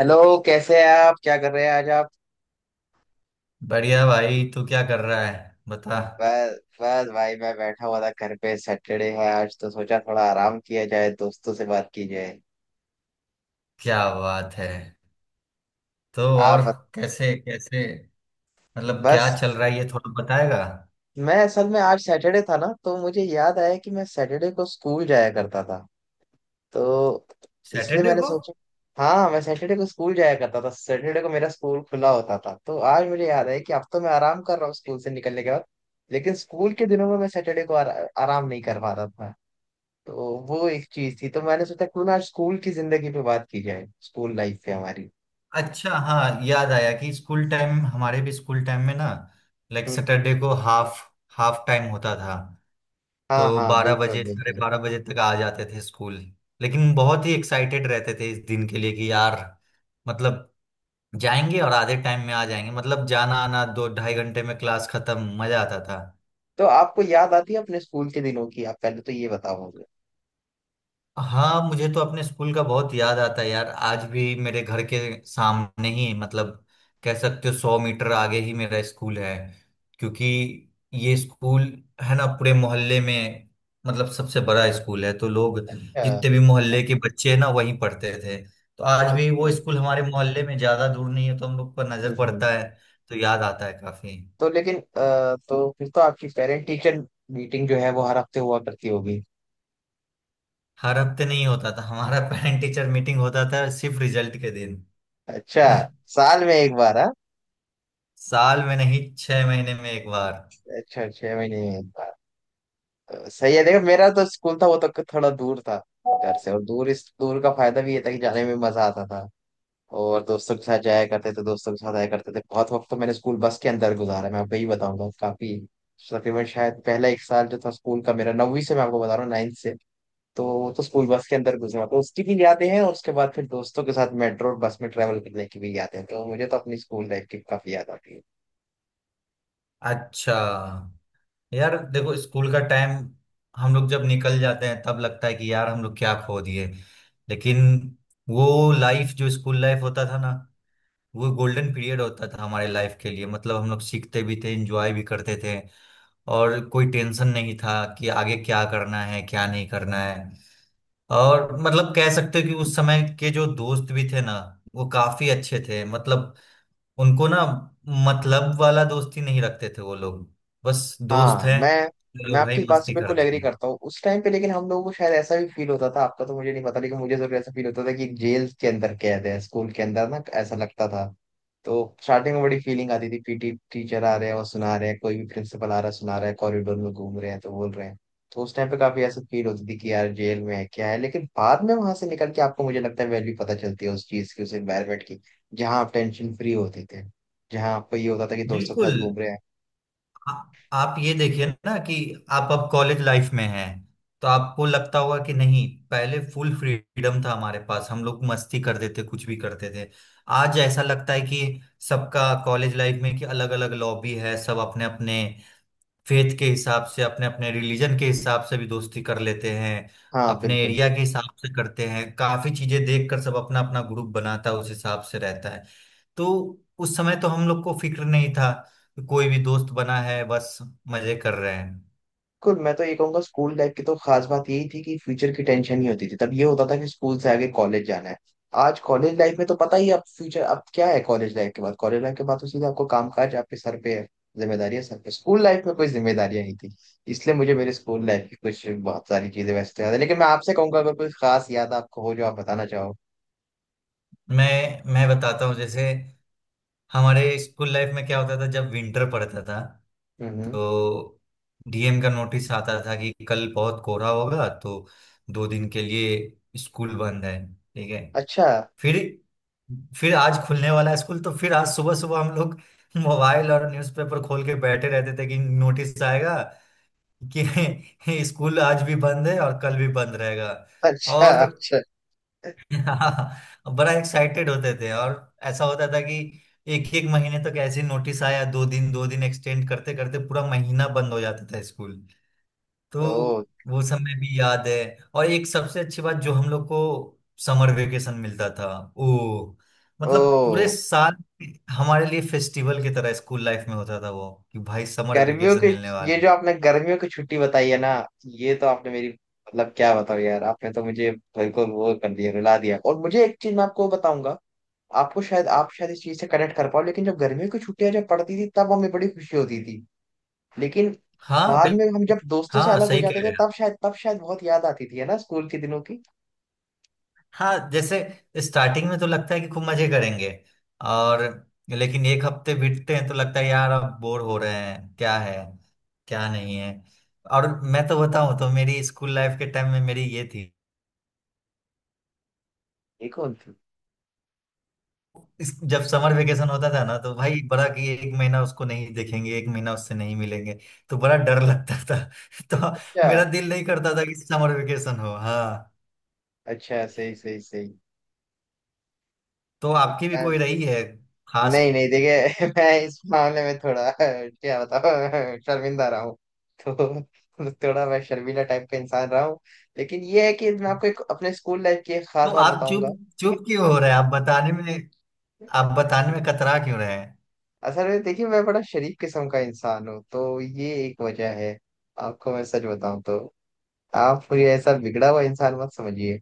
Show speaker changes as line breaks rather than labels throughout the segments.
Hello. कैसे हैं आप? क्या कर रहे हैं आज आप?
बढ़िया भाई, तू क्या कर रहा है? बता।
बस बस भाई, मैं बैठा हुआ था घर पे। सैटरडे है आज तो सोचा थोड़ा आराम किया जाए, दोस्तों से बात की जाए।
क्या बात है? तो
आप
और,
बत-,
कैसे कैसे? मतलब,
बस,
क्या चल रहा है ये थोड़ा बताएगा?
मैं असल में आज सैटरडे था ना, तो मुझे याद आया कि मैं सैटरडे को स्कूल जाया करता था। तो इसलिए
सैटरडे
मैंने
को?
सोचा, हाँ, मैं सैटरडे को स्कूल जाया करता था। सैटरडे को मेरा स्कूल खुला होता था, तो आज मुझे याद आया कि अब तो मैं आराम कर रहा हूँ स्कूल से निकलने के बाद। लेकिन स्कूल के दिनों में मैं सैटरडे को आराम नहीं कर पा रहा था। तो वो एक चीज थी, तो मैंने सोचा क्यों ना आज स्कूल की जिंदगी पे बात की जाए, स्कूल लाइफ पे हमारी।
अच्छा, हाँ, याद आया कि स्कूल टाइम, हमारे भी स्कूल टाइम में ना, लाइक
हम्म,
सैटरडे को हाफ हाफ टाइम होता था। तो
हाँ हाँ,
बारह
बिल्कुल
बजे साढ़े
बिल्कुल।
बारह बजे तक आ जाते थे स्कूल। लेकिन बहुत ही एक्साइटेड रहते थे इस दिन के लिए कि यार, मतलब, जाएंगे और आधे टाइम में आ जाएंगे, मतलब जाना आना दो ढाई घंटे में क्लास खत्म। मजा आता था।
तो आपको याद आती है अपने स्कूल के दिनों की? आप पहले तो ये बताओ मुझे।
हाँ, मुझे तो अपने स्कूल का बहुत याद आता है यार। आज भी मेरे घर के सामने ही, मतलब कह सकते हो 100 मीटर आगे ही मेरा स्कूल है। क्योंकि ये स्कूल है ना, पूरे मोहल्ले में मतलब सबसे बड़ा स्कूल है, तो लोग
अ,
जितने भी मोहल्ले के बच्चे हैं ना वहीं पढ़ते थे। तो आज भी वो
अच्छा।
स्कूल हमारे मोहल्ले में ज्यादा दूर नहीं है, तो हम लोग पर
हम्म
नजर
हम्म।
पड़ता है। तो याद आता है काफी।
तो लेकिन तो फिर तो आपकी पेरेंट टीचर मीटिंग जो है वो हर हफ्ते हुआ करती होगी।
हर हफ्ते नहीं होता था हमारा पेरेंट टीचर मीटिंग, होता था सिर्फ रिजल्ट के दिन।
अच्छा, साल में एक बार, हाँ।
साल में नहीं, 6 महीने में एक बार।
अच्छा, छह महीने में एक बार। सही है। देखो, मेरा तो स्कूल था, वो तो थोड़ा दूर था घर से। और दूर, इस दूर का फायदा भी ये था कि जाने में मजा आता था। और दोस्तों के साथ जाया करते थे, दोस्तों के साथ आया करते थे। बहुत वक्त तो मैंने स्कूल बस के अंदर गुजारा है, मैं आपको यही बताऊंगा। काफी तकरीबन शायद पहला एक साल जो था स्कूल का मेरा, नौवीं से मैं आपको बता रहा हूँ, नाइन्थ से, तो वो तो स्कूल बस के अंदर गुजरा, तो उसकी भी यादें हैं। और उसके बाद फिर दोस्तों के साथ मेट्रो और बस में ट्रेवल करने की भी यादें हैं। तो मुझे तो अपनी स्कूल लाइफ की काफी याद आती है।
अच्छा। यार देखो, स्कूल का टाइम, हम लोग जब निकल जाते हैं तब लगता है कि यार हम लोग क्या खो दिए। लेकिन वो लाइफ जो स्कूल लाइफ होता था ना, वो गोल्डन पीरियड होता था हमारे लाइफ के लिए। मतलब हम लोग सीखते भी थे, एंजॉय भी करते थे, और कोई टेंशन नहीं था कि आगे क्या करना है क्या नहीं करना है। और मतलब कह सकते हो कि उस समय के जो दोस्त भी थे ना, वो काफी अच्छे थे। मतलब उनको ना, मतलब वाला दोस्ती नहीं रखते थे वो लोग, बस दोस्त
हाँ
हैं,
मैं मैं
चलो भाई
आपकी इस बात से
मस्ती
बिल्कुल
करते
एग्री
हैं।
करता हूँ उस टाइम पे। लेकिन हम लोगों को शायद ऐसा भी फील होता था, आपका तो मुझे नहीं पता लेकिन मुझे जरूर ऐसा फील होता था कि जेल के अंदर कैद है, स्कूल के अंदर ना ऐसा लगता था। तो स्टार्टिंग में बड़ी फीलिंग आती थी, पीटी टीचर आ रहे हैं और सुना रहे हैं, कोई भी प्रिंसिपल आ रहा है सुना रहा है, कॉरिडोर में घूम रहे हैं तो बोल रहे हैं। तो उस टाइम पे काफी ऐसा फील होती थी कि यार जेल में है क्या है। लेकिन बाद में वहां से निकल के आपको, मुझे लगता है, वैल्यू पता चलती है उस चीज की, उस एनवायरमेंट की, जहाँ आप टेंशन फ्री होते थे, जहाँ आपको ये होता था कि दोस्तों के
बिल्कुल।
साथ घूम रहे हैं।
आ, आप ये देखिए ना कि आप अब कॉलेज लाइफ में हैं, तो आपको लगता होगा कि नहीं, पहले फुल फ्रीडम था हमारे पास, हम लोग मस्ती कर देते, कुछ भी करते थे। आज ऐसा लगता है कि सबका कॉलेज लाइफ में कि अलग अलग लॉबी है, सब अपने अपने फेथ के हिसाब से, अपने अपने रिलीजन के हिसाब से भी दोस्ती कर लेते हैं।
हाँ
अपने
बिल्कुल
एरिया के हिसाब से करते हैं, काफी चीजें देखकर सब अपना अपना ग्रुप बनाता है, उस हिसाब से रहता है। तो उस समय तो हम लोग को फिक्र नहीं था कि कोई भी दोस्त बना है, बस मजे कर रहे हैं।
बिल्कुल। मैं तो ये कहूंगा स्कूल लाइफ की तो खास बात यही थी कि फ्यूचर की टेंशन नहीं होती थी। तब ये होता था कि स्कूल से आगे कॉलेज जाना है। आज कॉलेज लाइफ में तो पता ही है, अब फ्यूचर अब क्या है? कॉलेज लाइफ के बाद, कॉलेज लाइफ के बाद तो सीधा आपको काम काज आपके सर पे है, जिम्मेदारियां सर पे। स्कूल लाइफ में कोई जिम्मेदारियां नहीं थी। इसलिए मुझे मेरे स्कूल लाइफ की कुछ बहुत सारी चीजें वैसे तो याद है, लेकिन मैं आपसे कहूंगा अगर कोई खास याद आपको हो जो आप बताना चाहो।
मैं बताता हूँ, जैसे हमारे स्कूल लाइफ में क्या होता था जब विंटर पड़ता था,
हम्म।
तो डीएम का नोटिस आता था कि कल बहुत कोहरा होगा तो 2 दिन के लिए स्कूल बंद है, ठीक है।
अच्छा
फिर आज खुलने वाला है स्कूल, तो फिर आज सुबह सुबह हम लोग मोबाइल और न्यूज़पेपर खोल के बैठे रहते थे कि नोटिस आएगा कि स्कूल आज भी बंद है और कल भी बंद रहेगा।
अच्छा
और
अच्छा।
बड़ा एक्साइटेड होते थे। और ऐसा होता था कि एक एक महीने तक ऐसे नोटिस आया, दो दिन एक्सटेंड करते करते पूरा महीना बंद हो जाता था स्कूल। तो
ओ।
वो समय भी याद है। और एक सबसे अच्छी बात जो हम लोग को, समर वेकेशन मिलता था। ओ, मतलब पूरे
ओ।
साल हमारे लिए फेस्टिवल की तरह स्कूल लाइफ में होता था वो, कि भाई समर
गर्मियों
वेकेशन
के,
मिलने
ये
वाला है।
जो आपने गर्मियों की छुट्टी बताई है ना, ये तो आपने मेरी, मतलब क्या बताओ यार, आपने तो मुझे बिल्कुल वो कर दिया, रुला दिया। और मुझे एक चीज, मैं आपको बताऊंगा, आपको शायद आप शायद इस चीज से कनेक्ट कर पाओ। लेकिन जब गर्मियों की छुट्टियां जब पड़ती थी तब हमें बड़ी खुशी होती थी, लेकिन
हाँ
बाद
बिल्कुल।
में हम जब दोस्तों से
हाँ
अलग हो
सही
जाते
कह
थे
रहे हैं।
तब शायद, तब शायद बहुत याद आती थी, है ना, स्कूल के दिनों की।
हाँ, जैसे स्टार्टिंग में तो लगता है कि खूब मजे करेंगे, और लेकिन एक हफ्ते बीतते हैं तो लगता है यार अब बोर हो रहे हैं, क्या है क्या नहीं है। और मैं तो बताऊं, तो मेरी स्कूल लाइफ के टाइम में मेरी ये थी,
ये कौन थी?
इस जब समर वेकेशन होता था ना तो भाई बड़ा कि एक महीना उसको नहीं देखेंगे, एक महीना उससे नहीं मिलेंगे, तो बड़ा डर लगता था। तो
अच्छा,
मेरा दिल नहीं करता था कि समर वेकेशन हो। हाँ,
अच्छा सही सही सही।
तो
तो
आपकी भी
मैं,
कोई रही है खास?
नहीं नहीं, देखिए, मैं इस मामले में थोड़ा क्या बताऊं शर्मिंदा रहा हूँ। तो थोड़ा मैं शर्मीला टाइप का इंसान रहा हूँ, लेकिन ये है कि मैं आपको एक अपने स्कूल लाइफ की एक
तो
खास बात
आप चुप,
बताऊंगा।
चुप क्यों हो रहे हैं आप बताने में? आप
नहीं
बताने
नहीं,
में कतरा क्यों रहे हैं?
असल में देखिए, मैं बड़ा शरीफ किस्म का इंसान हूँ, तो ये एक वजह है। आपको मैं सच बताऊं तो आप मुझे ऐसा बिगड़ा हुआ इंसान मत समझिए।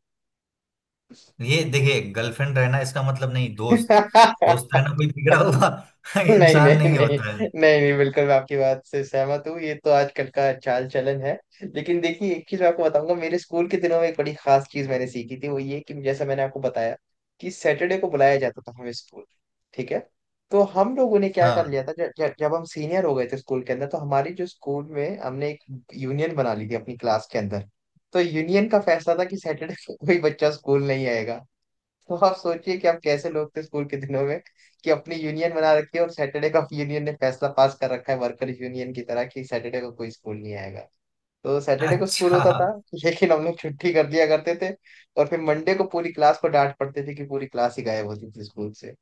ये देखिए, गर्लफ्रेंड रहना इसका मतलब नहीं, दोस्त दोस्त रहना कोई बिगड़ा हुआ
नहीं नहीं
इंसान
नहीं
नहीं होता है।
नहीं नहीं, बिल्कुल मैं आपकी बात से सहमत हूँ, ये तो आजकल का चाल चलन है। लेकिन देखिए, एक चीज मैं आपको बताऊंगा। मेरे स्कूल के दिनों में एक बड़ी खास चीज मैंने सीखी थी, वो ये कि जैसा मैंने आपको बताया कि सैटरडे को बुलाया जाता था हमें स्कूल, ठीक है? तो हम लोगों ने क्या
हाँ।
कर लिया था, जब जब जब हम सीनियर हो गए थे स्कूल के अंदर, तो हमारी जो स्कूल में, हमने एक यूनियन बना ली थी अपनी क्लास के अंदर। तो यूनियन का फैसला था कि सैटरडे को कोई बच्चा स्कूल नहीं आएगा। तो आप सोचिए कि आप कैसे लोग थे स्कूल के दिनों में, कि अपनी यूनियन बना रखी है और सैटरडे का यूनियन ने फैसला पास कर रखा है वर्कर यूनियन की तरह, कि सैटरडे को कोई स्कूल नहीं आएगा। तो सैटरडे को स्कूल
अच्छा।
होता था लेकिन हम लोग छुट्टी कर दिया करते थे। और फिर मंडे को पूरी क्लास को डांट पड़ती थी कि पूरी क्लास ही गायब होती थी स्कूल से।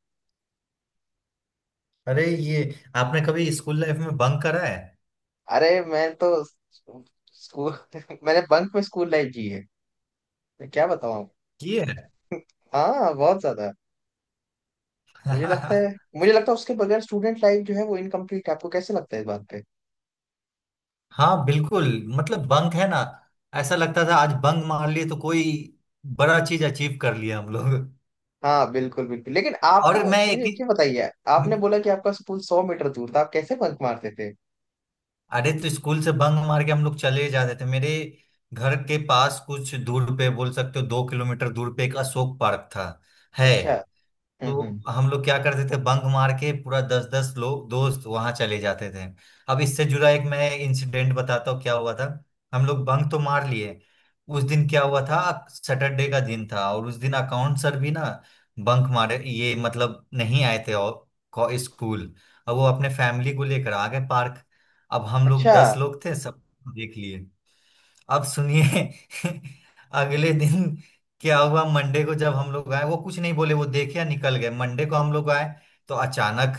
अरे ये, आपने कभी स्कूल लाइफ में बंक करा है?
अरे मैं तो, स्कूल मैंने बंक में स्कूल लाइफ जी है। मैं क्या बताऊं आपको।
किए?
हाँ, बहुत ज्यादा। मुझे लगता है
हाँ
मुझे लगता है उसके बगैर स्टूडेंट लाइफ जो है वो इनकम्प्लीट है। आपको कैसे लगता है इस बात पे?
बिल्कुल। मतलब बंक है ना, ऐसा लगता था आज बंक मार लिए तो कोई बड़ा चीज अचीव कर लिया हम लोग।
हाँ बिल्कुल बिल्कुल। लेकिन आपका,
और मैं एक
मुझे एक
ही-
चीज बताइए, आपने बोला कि आपका स्कूल 100 मीटर दूर था, आप कैसे बंक मारते थे?
अरे तो स्कूल से बंक मार के हम लोग चले जाते थे मेरे घर के पास, कुछ दूर पे बोल सकते हो 2 किलोमीटर दूर पे एक अशोक पार्क था, है।
अच्छा।
तो
हम्म।
हम लोग क्या करते थे बंक मार के, पूरा दस दस लोग दोस्त वहां चले जाते थे। अब इससे जुड़ा एक मैं इंसिडेंट बताता हूँ क्या हुआ था। हम लोग बंक तो मार लिए, उस दिन क्या हुआ था, सैटरडे का दिन था और उस दिन अकाउंट सर भी ना बंक मारे, ये मतलब नहीं आए थे। और स्कूल, अब वो अपने फैमिली को लेकर आ गए पार्क। अब हम लोग
अच्छा।
10 लोग थे, सब देख लिए। अब सुनिए, अगले दिन क्या हुआ, मंडे को जब हम लोग आए वो कुछ नहीं बोले, वो देखे या निकल गए, मंडे को हम लोग आए तो अचानक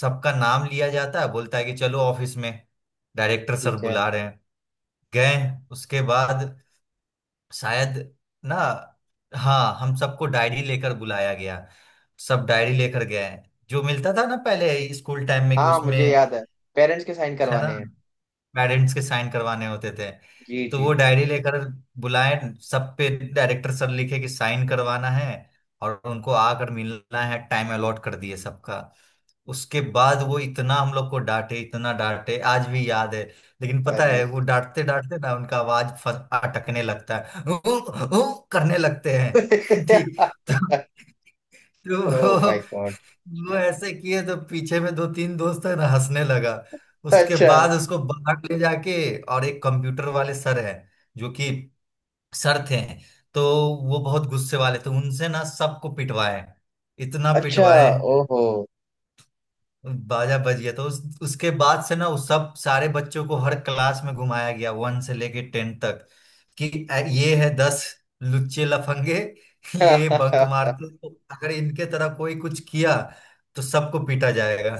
सबका नाम लिया जाता है, बोलता है कि चलो ऑफिस में, डायरेक्टर सर
ठीक है।
बुला रहे हैं। गए। उसके बाद शायद ना, हाँ, हम सबको डायरी लेकर बुलाया गया। सब डायरी लेकर गए, जो मिलता था ना पहले स्कूल टाइम में कि
हाँ मुझे
उसमें,
याद है, पेरेंट्स के साइन
है ना,
करवाने हैं।
पेरेंट्स के साइन करवाने होते थे।
जी
तो
जी।
वो डायरी लेकर बुलाए सब पे। डायरेक्टर सर लिखे कि साइन करवाना है और उनको आकर मिलना है, टाइम अलॉट कर दिए सबका। उसके बाद वो इतना हम लोग को डांटे, इतना डांटे, आज भी याद है। लेकिन पता
अरे
है वो डांटते डांटते ना उनका आवाज अटकने लगता है, "ऊ, ऊ" करने लगते हैं। ठीक,
ओ माय
तो
गॉड।
वो ऐसे किए तो पीछे में दो तीन दोस्त है ना हंसने लगा। उसके
अच्छा
बाद उसको बाहर ले जाके, और एक कंप्यूटर वाले सर है जो कि सर थे, तो वो बहुत गुस्से वाले थे, उनसे ना सबको पिटवाए, इतना
अच्छा।
पिटवाए,
ओहो।
बाजा बज गया। तो उसके बाद से ना उस सब सारे बच्चों को हर क्लास में घुमाया गया, 1 से लेके 10 तक, कि ये है 10 लुच्चे लफंगे, ये बंक मारते, तो अगर इनके तरह कोई कुछ किया तो सबको पीटा जाएगा।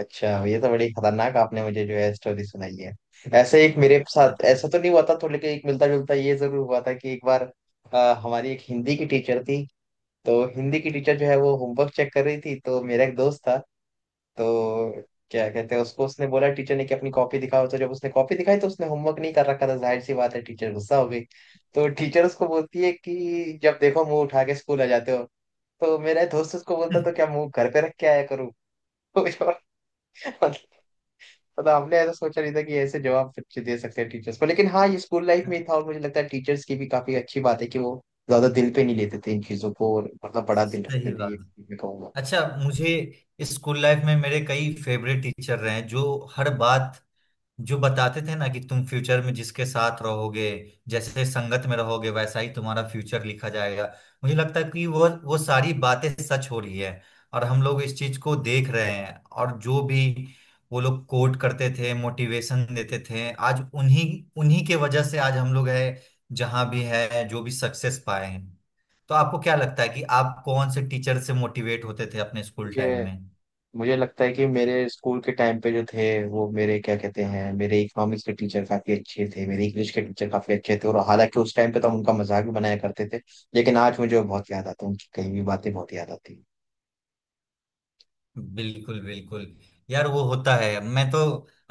अच्छा, ये तो बड़ी खतरनाक आपने मुझे जो है स्टोरी सुनाई है। ऐसे एक मेरे साथ ऐसा तो नहीं हुआ था थोड़ा, लेकिन एक मिलता जुलता ये जरूर हुआ था कि एक बार हमारी एक हिंदी की टीचर थी। तो हिंदी की टीचर जो है वो होमवर्क चेक कर रही थी, तो मेरा एक दोस्त था, तो क्या कहते हैं उसको, उसने बोला, टीचर ने, कि अपनी कॉपी दिखाओ। तो जब उसने कॉपी दिखाई तो उसने होमवर्क नहीं कर रखा था, जाहिर सी बात है टीचर गुस्सा हो गई। तो टीचर उसको बोलती है कि जब देखो मुंह उठा के स्कूल आ जाते हो। तो मेरा दोस्त उसको बोलता, तो क्या मुंह घर पे रख के आया करूँ? मतलब मतलब हमने ऐसा सोचा नहीं था कि ऐसे जवाब बच्चे दे सकते हैं टीचर्स को। लेकिन हाँ, ये स्कूल लाइफ
सही
में ही था, और मुझे लगता है टीचर्स की भी काफी अच्छी बात है कि वो ज्यादा दिल पे नहीं लेते थे इन चीजों को, और मतलब बड़ा दिल रखते थे,
बात
ये
है।
मैं कहूंगा।
अच्छा, मुझे स्कूल लाइफ में मेरे कई फेवरेट टीचर रहे हैं जो हर बात जो बताते थे ना कि तुम फ्यूचर में जिसके साथ रहोगे, जैसे संगत में रहोगे वैसा ही तुम्हारा फ्यूचर लिखा जाएगा। मुझे लगता है कि वो सारी बातें सच हो रही है और हम लोग इस चीज को देख रहे हैं। और जो भी वो लोग कोट करते थे, मोटिवेशन देते थे, आज उन्हीं उन्हीं के वजह से आज हम लोग है जहां भी है, जो भी सक्सेस पाए हैं। तो आपको क्या लगता है कि आप कौन से टीचर से मोटिवेट होते थे अपने स्कूल टाइम
मुझे
में?
मुझे लगता है कि मेरे स्कूल के टाइम पे जो थे, वो मेरे, क्या कहते हैं, मेरे इकोनॉमिक्स के टीचर काफी अच्छे थे, मेरे इंग्लिश के टीचर काफी अच्छे थे। और हालांकि उस टाइम पे तो हम उनका मजाक भी बनाया करते थे, लेकिन आज मुझे वो बहुत याद आता है, उनकी कही हुई बातें बहुत याद आती हैं।
बिल्कुल बिल्कुल। यार वो होता है, मैं तो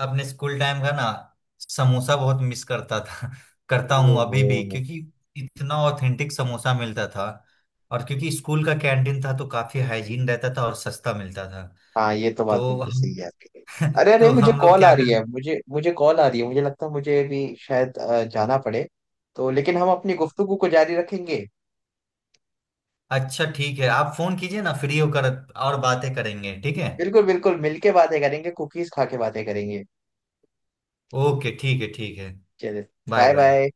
अपने स्कूल टाइम का ना समोसा बहुत मिस करता था करता हूँ अभी भी,
ओहो।
क्योंकि इतना ऑथेंटिक समोसा मिलता था, और क्योंकि स्कूल का कैंटीन था तो काफी हाइजीन रहता था और सस्ता मिलता था।
हाँ, ये तो
तो
बात बिल्कुल
हम
सही है आपकी। अरे अरे,
तो
मुझे
हम लोग
कॉल आ
क्या
रही
कर।
है, मुझे मुझे कॉल आ रही है, मुझे लगता है मुझे भी शायद जाना पड़े। तो लेकिन हम अपनी गुफ्तगू को जारी रखेंगे।
अच्छा ठीक है, आप फोन कीजिए ना फ्री होकर, और बातें करेंगे, ठीक है?
बिल्कुल बिल्कुल, मिलके बातें करेंगे, कुकीज खा के बातें करेंगे।
ओके, ठीक है, ठीक है,
चलिए,
बाय
बाय
बाय।
बाय।